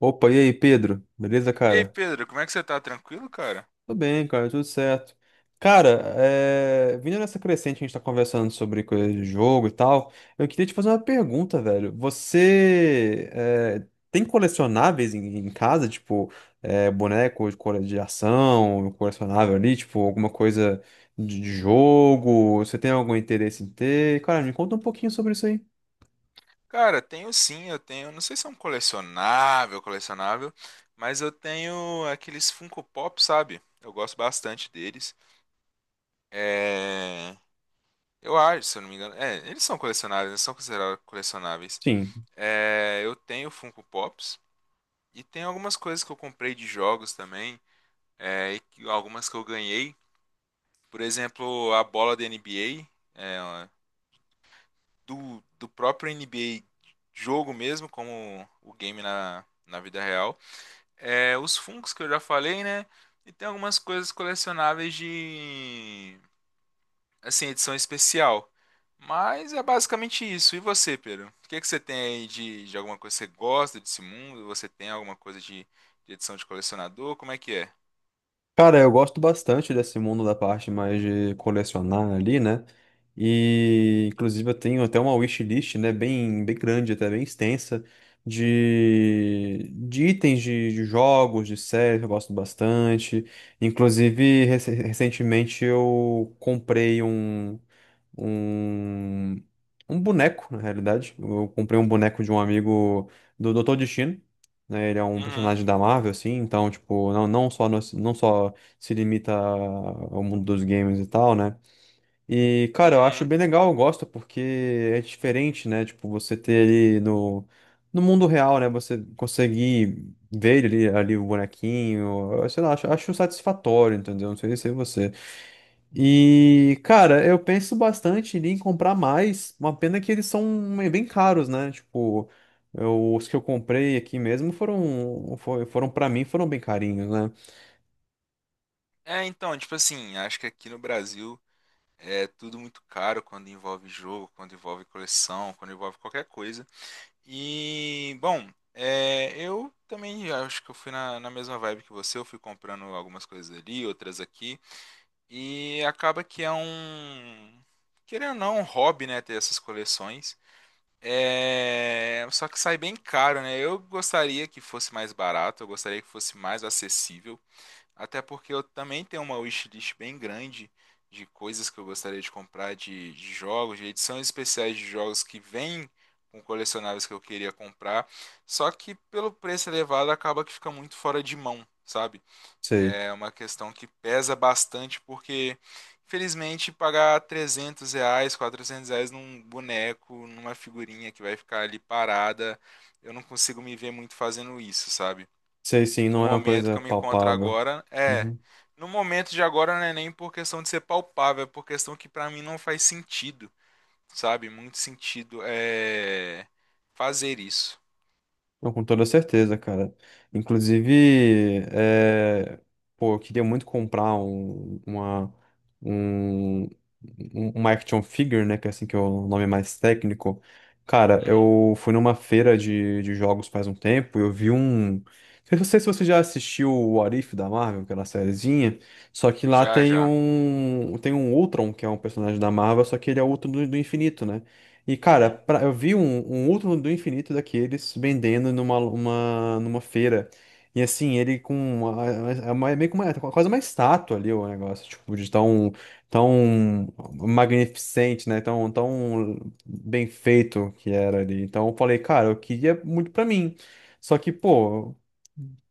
Opa, e aí, Pedro? Beleza, E aí, cara? Pedro, como é que você tá? Tranquilo, cara? Tudo bem, cara, tudo certo. Cara, vindo nessa crescente, a gente tá conversando sobre coisas de jogo e tal. Eu queria te fazer uma pergunta, velho. Tem colecionáveis em casa, tipo, boneco de de ação, colecionável ali, tipo, alguma coisa de jogo? Você tem algum interesse em ter? Cara, me conta um pouquinho sobre isso aí. Cara, tenho sim, eu tenho. Não sei se é um colecionável, colecionável, mas eu tenho aqueles Funko Pop, sabe? Eu gosto bastante deles. É. Eu acho, se eu não me engano. É, eles são colecionáveis, eles são considerados colecionáveis. Sim. É, eu tenho Funko Pops e tem algumas coisas que eu comprei de jogos também, algumas que eu ganhei. Por exemplo, a bola da NBA, do próprio NBA jogo mesmo, como o game na vida real. É, os Funkos que eu já falei, né? E tem algumas coisas colecionáveis de assim, edição especial. Mas é basicamente isso. E você, Pedro? O que é que você tem aí de, alguma coisa que você gosta desse mundo? Você tem alguma coisa de edição de colecionador? Como é que é? Cara, eu gosto bastante desse mundo da parte mais de colecionar ali, né? E inclusive eu tenho até uma wishlist, né, bem grande, até bem extensa, de itens de jogos, de séries que eu gosto bastante. Inclusive, recentemente eu comprei um, um boneco, na realidade. Eu comprei um boneco de um amigo do Dr. Destino, né? Ele é um Uhum, personagem da Marvel, assim, então, tipo, não só se limita ao mundo dos games e tal, né? E, cara, eu acho uhum. bem legal, eu gosto, porque é diferente, né? Tipo, você ter ele no mundo real, né? Você conseguir ver ele ali, ali o bonequinho, eu sei lá, acho satisfatório, entendeu? Não sei se é você. E, cara, eu penso bastante em comprar mais. Uma pena que eles são bem caros, né? Tipo, os que eu comprei aqui mesmo foram para mim, foram bem carinhos, né? É, então, tipo assim, acho que aqui no Brasil é tudo muito caro quando envolve jogo, quando envolve coleção, quando envolve qualquer coisa. E, bom, eu também acho que eu fui na mesma vibe que você. Eu fui comprando algumas coisas ali, outras aqui. E acaba que é um, Querendo ou não, um hobby, né? Ter essas coleções. É, só que sai bem caro, né? Eu gostaria que fosse mais barato, eu gostaria que fosse mais acessível. Até porque eu também tenho uma wishlist bem grande de coisas que eu gostaria de comprar, de jogos, de edições especiais de jogos que vêm com colecionáveis que eu queria comprar. Só que pelo preço elevado acaba que fica muito fora de mão, sabe? Sei, É uma questão que pesa bastante porque, infelizmente, pagar R$ 300, R$ 400 num boneco, numa figurinha que vai ficar ali parada, eu não consigo me ver muito fazendo isso, sabe? sei sim, No não é uma momento coisa que eu me encontro palpável. agora, é. Uhum. No momento de agora não é nem por questão de ser palpável, é por questão que pra mim não faz sentido, sabe? Muito sentido é fazer isso. Não, com toda certeza, cara. Inclusive, pô, eu queria muito comprar um, uma action figure, né? Que é assim que é o nome mais técnico. Cara, Uhum. eu fui numa feira de jogos faz um tempo e eu vi um. Eu não sei se você já assistiu o What If da Marvel, aquela sériezinha, só que lá Já, já. Tem um Ultron, que é um personagem da Marvel, só que ele é o Ultron do infinito, né? E, cara, Uhum. Eu vi um outro do infinito daqueles vendendo numa feira. E assim, ele com uma, é meio que uma, é quase uma estátua ali o negócio, tipo, de tão, tão magnificente, né? Tão, tão bem feito que era ali. Então eu falei, cara, eu queria muito pra mim. Só que, pô,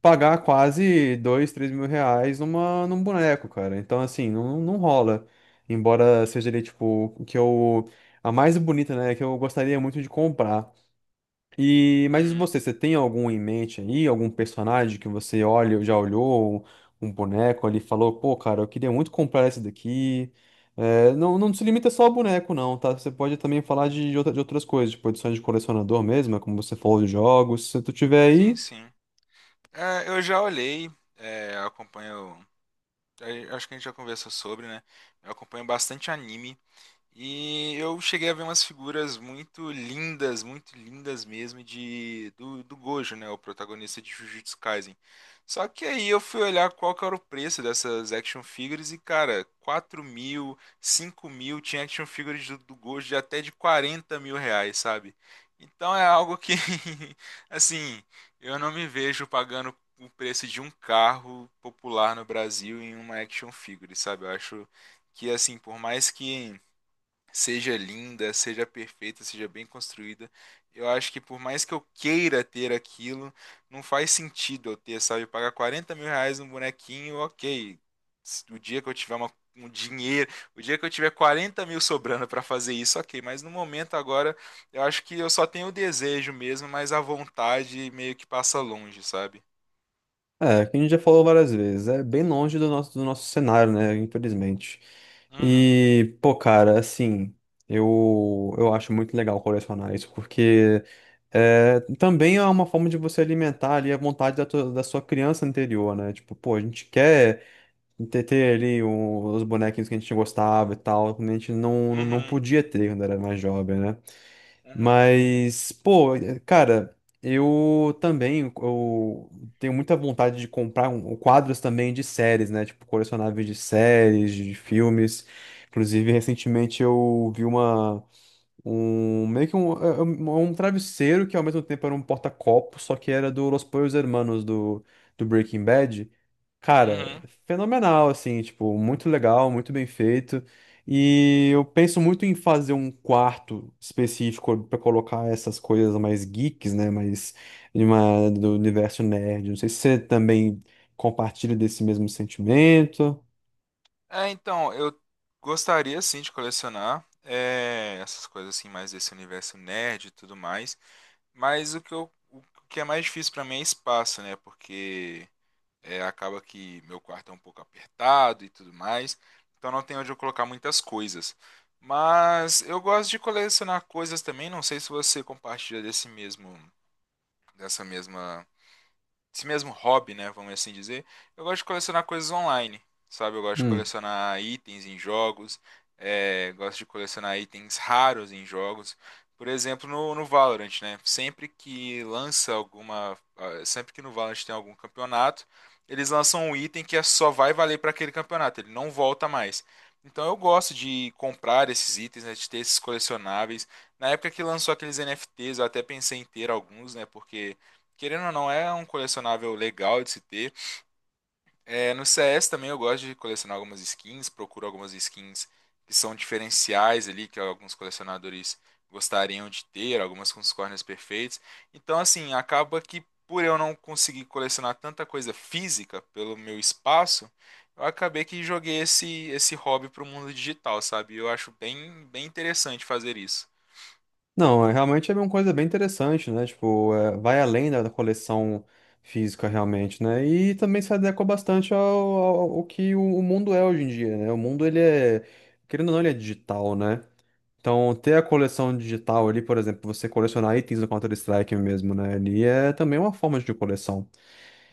pagar quase dois, três mil reais num boneco, cara. Então, assim, não, não rola. Embora seja ali, tipo, o que eu. A mais bonita, né? Que eu gostaria muito de comprar. E, mas e Uhum. você, você tem algum em mente aí? Algum personagem que você olha, ou já olhou, um boneco ali, e falou, pô, cara, eu queria muito comprar esse daqui. É, não, não se limita só ao boneco, não, tá? Você pode também falar de de outras coisas, tipo edições de colecionador mesmo, é como você falou de jogos. Se tu tiver Sim, aí, sim. É, eu já olhei, eu acompanho. Acho que a gente já conversou sobre, né? Eu acompanho bastante anime. E eu cheguei a ver umas figuras muito lindas mesmo de do Gojo, né, o protagonista de Jujutsu Kaisen. Só que aí eu fui olhar qual que era o preço dessas action figures e, cara, 4 mil, 5 mil, tinha action figures do Gojo de até de R$ 40 mil, sabe? Então é algo que, assim, eu não me vejo pagando o preço de um carro popular no Brasil em uma action figure, sabe? Eu acho que, assim, por mais que seja linda, seja perfeita, seja bem construída. Eu acho que por mais que eu queira ter aquilo, não faz sentido eu ter, sabe? Pagar R$ 40 mil num bonequinho, ok. O dia que eu tiver um dinheiro, o dia que eu tiver 40 mil sobrando para fazer isso, ok. Mas no momento agora, eu acho que eu só tenho o desejo mesmo, mas a vontade meio que passa longe, sabe? é, que a gente já falou várias vezes, é bem longe do nosso cenário, né, infelizmente. Uhum, E, pô, cara, assim, eu acho muito legal colecionar isso, porque é, também é uma forma de você alimentar ali a vontade da sua criança anterior, né? Tipo, pô, a gente quer ter ali os bonequinhos que a gente gostava e tal, quando a gente não uhum, podia ter quando era mais jovem, né? uhum, Mas, pô, cara, eu também eu tenho muita vontade de comprar quadros também de séries, né? Tipo, colecionáveis de séries, de filmes. Inclusive, recentemente eu vi uma. Um, meio que um, é- é um travesseiro que ao mesmo tempo era um porta-copo, só que era do Los Pollos Hermanos do, do Breaking Bad. Cara, uhum. fenomenal, assim, tipo, muito legal, muito bem feito. E eu penso muito em fazer um quarto específico pra colocar essas coisas mais geeks, né? Mais do universo nerd. Não sei se você também compartilha desse mesmo sentimento. É, então, eu gostaria sim de colecionar essas coisas assim, mais desse universo nerd e tudo mais. Mas o que é mais difícil pra mim é espaço, né? Porque acaba que meu quarto é um pouco apertado e tudo mais. Então não tem onde eu colocar muitas coisas. Mas eu gosto de colecionar coisas também. Não sei se você compartilha desse mesmo, dessa mesma esse mesmo hobby, né, vamos assim dizer, eu gosto de colecionar coisas online, sabe? Eu gosto de colecionar itens em jogos, gosto de colecionar itens raros em jogos. Por exemplo, no, Valorant, né? Sempre que lança sempre que no Valorant tem algum campeonato, eles lançam um item só vai valer para aquele campeonato, ele não volta mais. Então eu gosto de comprar esses itens, né, de ter esses colecionáveis. Na época que lançou aqueles NFTs, eu até pensei em ter alguns, né, porque querendo ou não, é um colecionável legal de se ter. É, no CS também eu gosto de colecionar algumas skins, procuro algumas skins que são diferenciais ali, que alguns colecionadores gostariam de ter, algumas com os corners perfeitos. Então, assim, acaba que por eu não conseguir colecionar tanta coisa física pelo meu espaço, eu acabei que joguei esse hobby pro mundo digital, sabe? Eu acho bem, bem interessante fazer isso. Não, realmente é uma coisa bem interessante, né? Tipo, é, vai além da coleção física realmente, né? E também se adequa bastante ao que o mundo é hoje em dia, né? O mundo, ele é, querendo ou não, ele é digital, né? Então, ter a coleção digital ali, por exemplo, você colecionar itens do Counter-Strike mesmo, né? Ali é também uma forma de coleção.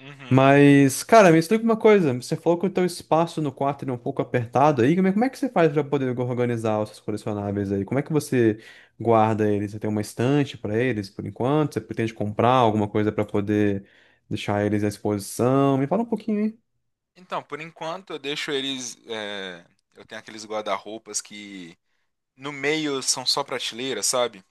Uhum. Mas, cara, me explica uma coisa. Você falou que o teu espaço no quarto ele é um pouco apertado aí. Como é que você faz para poder organizar os seus colecionáveis aí? Como é que você guarda eles? Você tem uma estante para eles por enquanto? Você pretende comprar alguma coisa para poder deixar eles à exposição? Me fala um pouquinho Então, por enquanto eu deixo eles, eu tenho aqueles guarda-roupas que no meio são só prateleiras, sabe?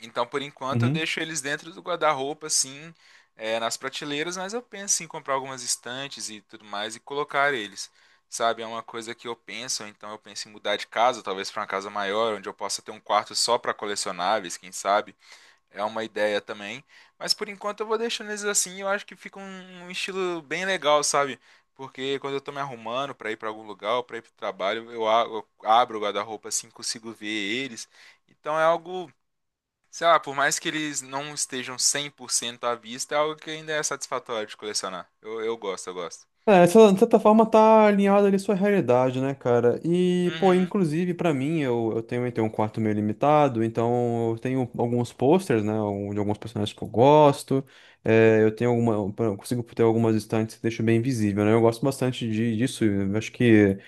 Então, por enquanto eu aí. deixo eles dentro do guarda-roupa, assim, nas prateleiras, mas eu penso em comprar algumas estantes e tudo mais e colocar eles, sabe? É uma coisa que eu penso, ou então eu penso em mudar de casa, talvez para uma casa maior, onde eu possa ter um quarto só para colecionáveis, quem sabe? É uma ideia também. Mas por enquanto eu vou deixando eles assim. Eu acho que fica um estilo bem legal, sabe? Porque quando eu tô me arrumando pra ir pra algum lugar, ou pra ir pro trabalho, eu abro o guarda-roupa assim, consigo ver eles. Então é algo, sei lá, por mais que eles não estejam 100% à vista, é algo que ainda é satisfatório de colecionar. Eu gosto, eu gosto. É, essa, de certa forma tá alinhada ali à sua realidade, né, cara? E, pô, Uhum, inclusive pra mim, eu tenho um quarto meio limitado, então eu tenho alguns posters, né, de alguns personagens que eu gosto, é, eu consigo ter algumas estantes que deixam bem visível, né? Eu gosto bastante disso, eu acho que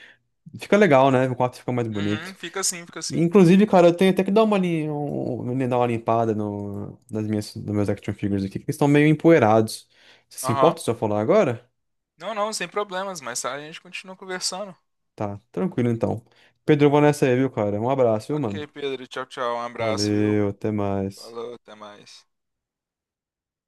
fica legal, né? O quarto fica mais uhum, bonito. fica assim, fica E, assim. inclusive, cara, eu tenho até que dar uma, dar uma limpada no, nas minhas, nos meus action figures aqui, que eles estão meio empoeirados. Você se Aham. importa se eu falar agora? Não, não, sem problemas, mas a gente continua conversando. Tá, tranquilo então. Pedro, eu vou nessa aí, viu, cara? Um abraço, viu, mano? Ok, Pedro, tchau, tchau, um abraço, viu? Valeu, até mais. Falou, até mais.